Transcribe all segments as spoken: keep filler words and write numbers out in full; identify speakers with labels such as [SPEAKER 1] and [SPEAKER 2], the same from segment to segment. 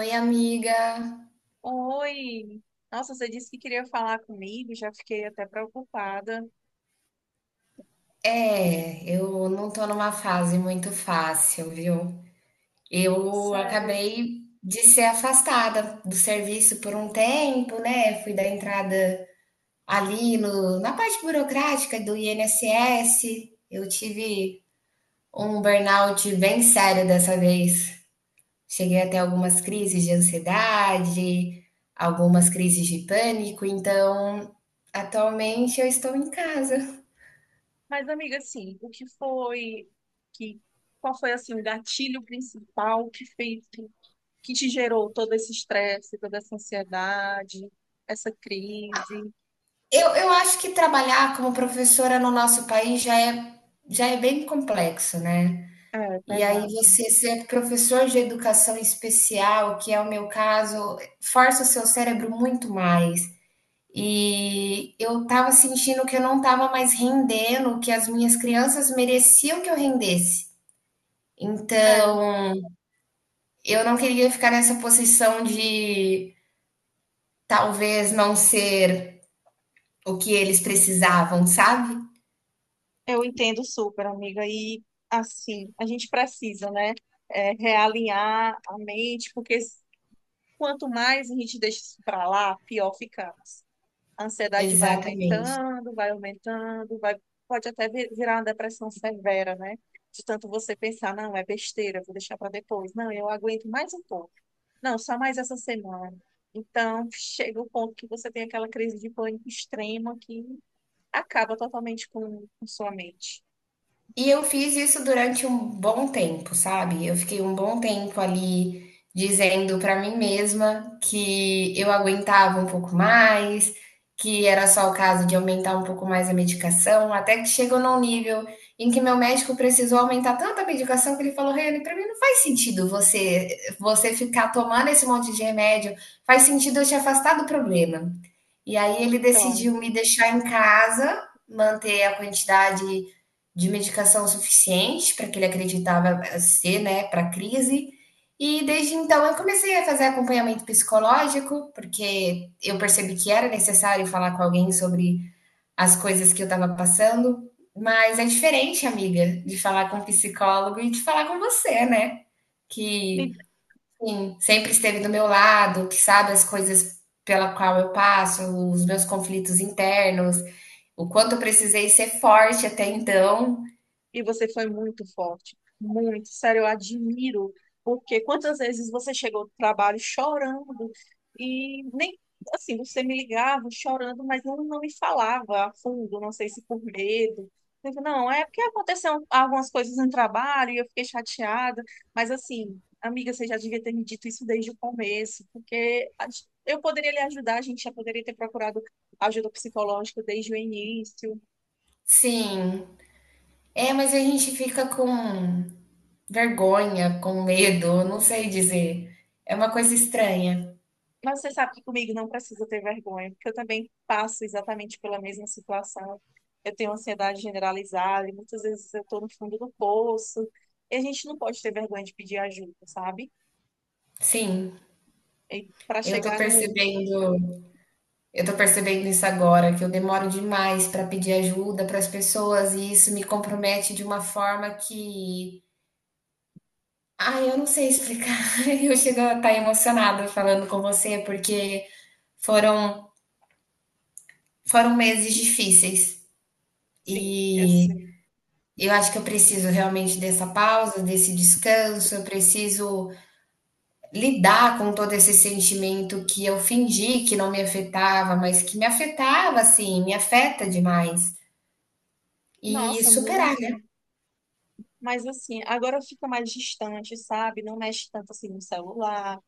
[SPEAKER 1] Oi, amiga.
[SPEAKER 2] Oi! Nossa, você disse que queria falar comigo, já fiquei até preocupada. Que-
[SPEAKER 1] É, eu não tô numa fase muito fácil, viu? Eu
[SPEAKER 2] Sério.
[SPEAKER 1] acabei de ser afastada do serviço por um tempo, né? Fui dar entrada ali no, na parte burocrática do I N S S. Eu tive um burnout bem sério dessa vez. Cheguei até algumas crises de ansiedade, algumas crises de pânico, então atualmente eu estou em casa.
[SPEAKER 2] Mas, amiga, assim, o que foi que qual foi assim o gatilho principal que fez que, que te gerou todo esse estresse, toda essa ansiedade, essa crise?
[SPEAKER 1] Eu, eu acho que trabalhar como professora no nosso país já é, já é bem complexo, né?
[SPEAKER 2] É,
[SPEAKER 1] E aí
[SPEAKER 2] pesado.
[SPEAKER 1] você ser professor de educação especial, que é o meu caso, força o seu cérebro muito mais. E eu tava sentindo que eu não tava mais rendendo, que as minhas crianças mereciam que eu rendesse.
[SPEAKER 2] É,
[SPEAKER 1] Então, eu não queria ficar nessa posição de talvez não ser o que eles precisavam, sabe?
[SPEAKER 2] eu entendo super, amiga. E assim, a gente precisa, né, é, realinhar a mente, porque s- quanto mais a gente deixa isso pra lá, pior ficamos. A ansiedade vai
[SPEAKER 1] Exatamente.
[SPEAKER 2] aumentando, vai aumentando, vai, pode até vir- virar uma depressão severa, né? De tanto você pensar, não, é besteira, vou deixar para depois. Não, eu aguento mais um pouco. Não, só mais essa semana. Então, chega o ponto que você tem aquela crise de pânico extrema que acaba totalmente com, com sua mente.
[SPEAKER 1] E eu fiz isso durante um bom tempo, sabe? Eu fiquei um bom tempo ali dizendo pra mim mesma que eu aguentava um pouco mais, que era só o caso de aumentar um pouco mais a medicação, até que chegou num nível em que meu médico precisou aumentar tanto a medicação que ele falou: Reni, pra mim não faz sentido você você ficar tomando esse monte de remédio, faz sentido eu te afastar do problema. E aí ele
[SPEAKER 2] Então,
[SPEAKER 1] decidiu me deixar em casa, manter a quantidade de medicação suficiente para que ele acreditava ser, né, para crise. E desde então eu comecei a fazer acompanhamento psicológico, porque eu percebi que era necessário falar com alguém sobre as coisas que eu estava passando. Mas é diferente, amiga, de falar com um psicólogo e de falar com você, né? Que Sim, sempre esteve do meu lado, que sabe as coisas pela qual eu passo, os meus conflitos internos, o quanto eu precisei ser forte até então.
[SPEAKER 2] e você foi muito forte, muito, sério, eu admiro, porque quantas vezes você chegou do trabalho chorando e nem assim, você me ligava chorando, mas não, não me falava a fundo, não sei se por medo. Eu digo, não, é porque aconteceu algumas coisas no trabalho e eu fiquei chateada, mas assim, amiga, você já devia ter me dito isso desde o começo, porque a- gen- eu poderia lhe ajudar, a gente já poderia ter procurado ajuda psicológica desde o início.
[SPEAKER 1] Sim. É, mas a gente fica com vergonha, com medo, eu não sei dizer. É uma coisa estranha.
[SPEAKER 2] Mas você sabe que comigo não precisa ter vergonha, porque eu também passo exatamente pela mesma situação. Eu tenho ansiedade generalizada e muitas vezes eu estou no fundo do poço. E a gente não pode ter vergonha de pedir ajuda, sabe?
[SPEAKER 1] Sim,
[SPEAKER 2] E para
[SPEAKER 1] eu tô
[SPEAKER 2] chegar no.
[SPEAKER 1] percebendo, eu tô percebendo isso agora, que eu demoro demais para pedir ajuda para as pessoas e isso me compromete de uma forma que ai, eu não sei explicar. Eu chego a estar emocionada falando com você, porque foram, foram meses difíceis.
[SPEAKER 2] Sim, eu
[SPEAKER 1] E
[SPEAKER 2] sei.
[SPEAKER 1] eu acho que eu preciso realmente dessa pausa, desse descanso. Eu preciso lidar com todo esse sentimento que eu fingi que não me afetava, mas que me afetava, assim, me afeta demais. E
[SPEAKER 2] Nossa,
[SPEAKER 1] superar, né?
[SPEAKER 2] muito. Mas assim, agora fica mais distante, sabe? Não mexe tanto assim no celular.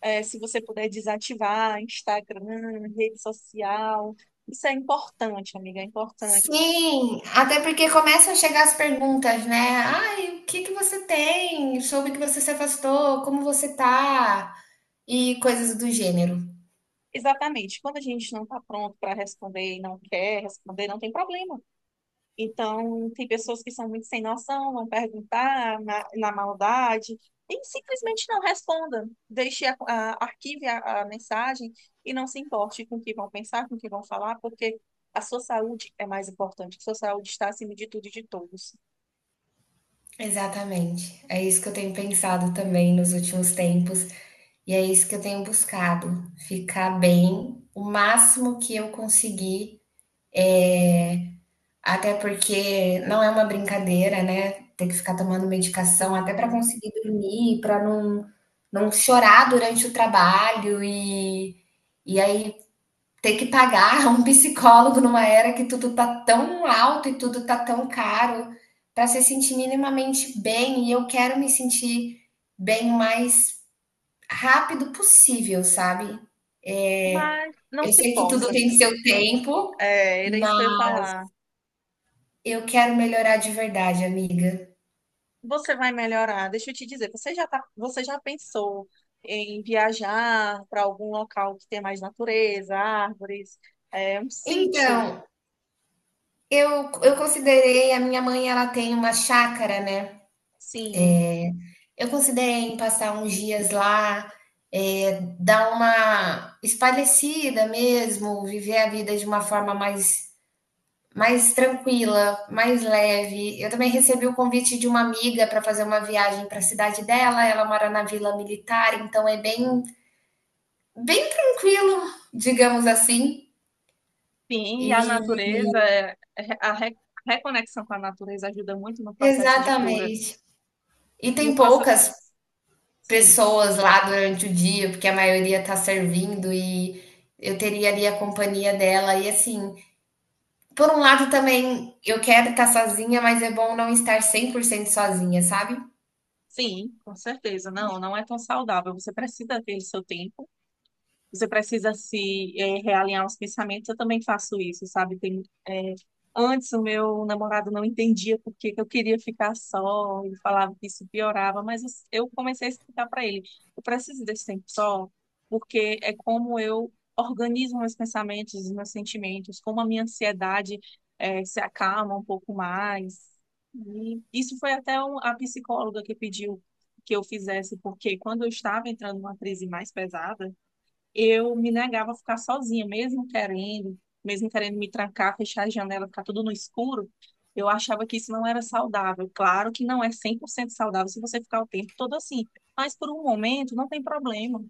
[SPEAKER 2] É, se você puder desativar Instagram, rede social. Isso é importante, amiga, é importante.
[SPEAKER 1] Sim, até porque começam a chegar as perguntas, né? Ai, o que que você tem? Soube que você se afastou, como você tá? E coisas do gênero.
[SPEAKER 2] Exatamente. Quando a gente não está pronto para responder e não quer responder, não tem problema. Então, tem pessoas que são muito sem noção, vão perguntar na, na maldade, e simplesmente não responda. Deixe, a, a- arquive a, a mensagem e não se importe com o que vão pensar, com o que vão falar, porque a sua saúde é mais importante. A sua saúde está acima de tudo e de todos.
[SPEAKER 1] Exatamente. É isso que eu tenho pensado também nos últimos tempos, e é isso que eu tenho buscado, ficar bem o máximo que eu conseguir. Até porque não é uma brincadeira, né? Ter que ficar tomando medicação até para
[SPEAKER 2] Sim.
[SPEAKER 1] conseguir dormir, para não, não chorar durante o trabalho e, e aí ter que pagar um psicólogo numa era que tudo tá tão alto e tudo tá tão caro para se sentir minimamente bem. E eu quero me sentir bem o mais rápido possível, sabe? É,
[SPEAKER 2] Mas não
[SPEAKER 1] eu
[SPEAKER 2] se
[SPEAKER 1] sei que tudo
[SPEAKER 2] força,
[SPEAKER 1] tem seu
[SPEAKER 2] amiga.
[SPEAKER 1] tempo,
[SPEAKER 2] É, era
[SPEAKER 1] mas
[SPEAKER 2] isso que eu ia falar.
[SPEAKER 1] eu quero melhorar de verdade, amiga.
[SPEAKER 2] Você vai melhorar. Deixa eu te dizer, você já tá, você já pensou em viajar para algum local que tenha mais natureza, árvores, é, um sítio?
[SPEAKER 1] Então, eu, eu considerei, a minha mãe, ela tem uma chácara, né?
[SPEAKER 2] Sim,
[SPEAKER 1] Eu considerei em passar uns dias lá, é, dar uma espairecida mesmo, viver a vida de uma forma mais, mais tranquila, mais leve. Eu também recebi o convite de uma amiga para fazer uma viagem para a cidade dela. Ela mora na Vila Militar, então é bem, bem tranquilo, digamos assim.
[SPEAKER 2] sim, e a
[SPEAKER 1] E
[SPEAKER 2] natureza, é, é, a re- a reconexão com a natureza ajuda muito no processo de cura.
[SPEAKER 1] Exatamente. E
[SPEAKER 2] E
[SPEAKER 1] tem
[SPEAKER 2] o processo,
[SPEAKER 1] poucas
[SPEAKER 2] sim,
[SPEAKER 1] pessoas lá durante o dia, porque a maioria tá servindo e eu teria ali a companhia dela. E assim, por um lado também eu quero estar sozinha, mas é bom não estar cem por cento sozinha, sabe?
[SPEAKER 2] sim, com certeza. Não, não é tão saudável. Você precisa ter o seu tempo. Você precisa se eh, realinhar os pensamentos. Eu também faço isso, sabe? Tem, eh, antes o meu namorado não entendia por que que eu queria ficar só. Ele falava que isso piorava, mas eu eu comecei a explicar para ele: eu preciso desse tempo só, porque é como eu organizo meus pensamentos, os meus sentimentos, como a minha ansiedade eh, se acalma um pouco mais. E isso foi até um- a psicóloga que pediu que eu fizesse, porque quando eu estava entrando numa crise mais pesada eu me negava a ficar sozinha, mesmo querendo, mesmo querendo me trancar, fechar a janela, ficar tudo no escuro, eu achava que isso não era saudável. Claro que não é cem por cento saudável se você ficar o tempo todo assim, mas por um momento não tem problema.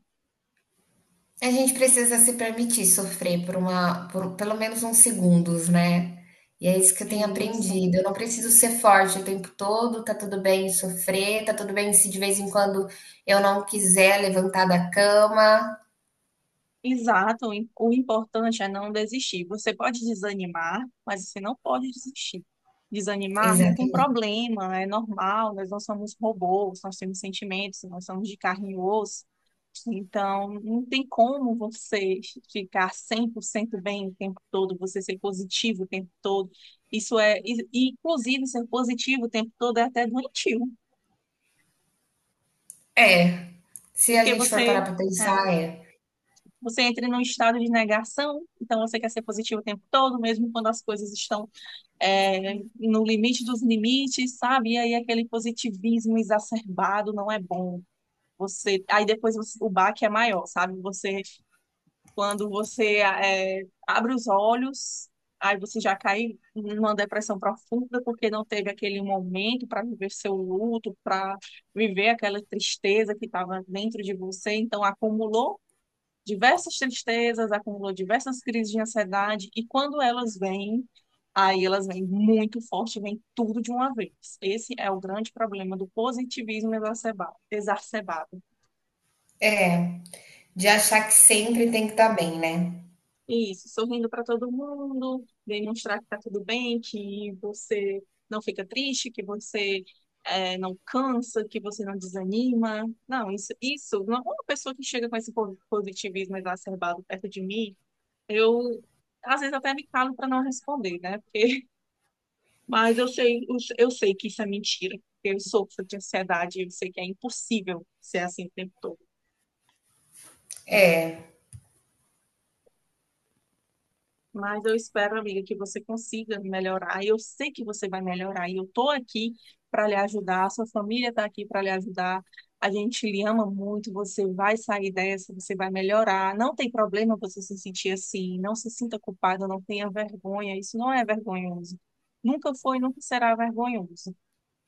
[SPEAKER 1] A gente precisa se permitir sofrer por uma, por pelo menos uns segundos, né? E é isso que eu
[SPEAKER 2] É
[SPEAKER 1] tenho
[SPEAKER 2] isso.
[SPEAKER 1] aprendido. Eu não preciso ser forte o tempo todo, tá tudo bem sofrer, tá tudo bem se de vez em quando eu não quiser levantar da cama.
[SPEAKER 2] Exato, o im- o importante é não desistir. Você pode desanimar, mas você não pode desistir. Desanimar não tem
[SPEAKER 1] Exatamente.
[SPEAKER 2] problema, é normal, nós não somos robôs, nós temos sentimentos, nós somos de carne e osso. Então, não tem como você ficar cem por cento bem o tempo todo, você ser positivo o tempo todo. Isso é, e, e, inclusive, ser positivo o tempo todo é até doentio,
[SPEAKER 1] É, se a
[SPEAKER 2] porque
[SPEAKER 1] gente for parar
[SPEAKER 2] você.
[SPEAKER 1] para pensar,
[SPEAKER 2] É,
[SPEAKER 1] é.
[SPEAKER 2] você entra num estado de negação, então você quer ser positivo o tempo todo, mesmo quando as coisas estão é, no limite dos limites, sabe? E aí aquele positivismo exacerbado não é bom. Você, aí depois você- o baque é maior, sabe? Você, quando você é, abre os olhos, aí você já cai numa depressão profunda porque não teve aquele momento para viver seu luto, para viver aquela tristeza que estava dentro de você, então acumulou diversas tristezas, acumulou diversas crises de ansiedade, e quando elas vêm, aí elas vêm muito forte, vêm tudo de uma vez. Esse é o grande problema do positivismo exacerba- exacerbado.
[SPEAKER 1] De achar que sempre tem que estar bem, né.
[SPEAKER 2] Isso, sorrindo para todo mundo, demonstrar que está tudo bem, que você não fica triste, que você eh, não cansa, que você não desanima. Não, isso, isso, uma pessoa que chega com esse po- positivismo exacerbado perto de mim, eu às vezes até me calo para não responder, né? Porque, mas eu sei, eu eu sei que isso é mentira. Porque eu sofro de ansiedade, eu sei que é impossível ser assim o tempo todo.
[SPEAKER 1] É,
[SPEAKER 2] Mas eu espero, amiga, que você consiga melhorar. E eu sei que você vai melhorar. E eu tô aqui para lhe ajudar. A sua família tá aqui para lhe ajudar. A gente lhe ama muito. Você vai sair dessa, você vai melhorar. Não tem problema você se sentir assim. Não se sinta culpada, não tenha vergonha. Isso não é vergonhoso. Nunca foi, nunca será vergonhoso.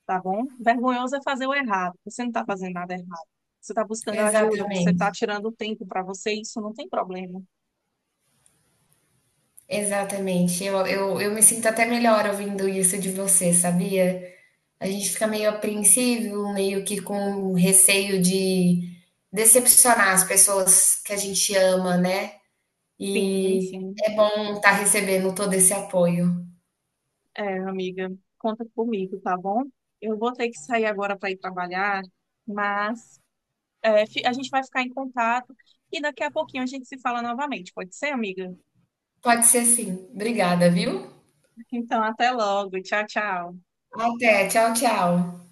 [SPEAKER 2] Tá bom? Vergonhoso é fazer o errado. Você não está fazendo nada errado. Você está buscando ajuda, você está
[SPEAKER 1] exatamente,
[SPEAKER 2] tirando tempo para você, isso não tem problema.
[SPEAKER 1] exatamente. Eu eu eu me sinto até melhor ouvindo isso de você, sabia. A gente fica meio apreensivo, meio que com receio de decepcionar as pessoas que a gente ama, né.
[SPEAKER 2] Sim,
[SPEAKER 1] E
[SPEAKER 2] enfim.
[SPEAKER 1] é bom estar recebendo todo esse apoio.
[SPEAKER 2] É, amiga, conta comigo, tá bom? Eu vou ter que sair agora para ir trabalhar, mas é, fi- a gente vai ficar em contato e daqui a pouquinho a gente se fala novamente, pode ser, amiga?
[SPEAKER 1] Pode ser sim. Obrigada, viu.
[SPEAKER 2] Então, até logo. Tchau, tchau.
[SPEAKER 1] Até, tchau, tchau.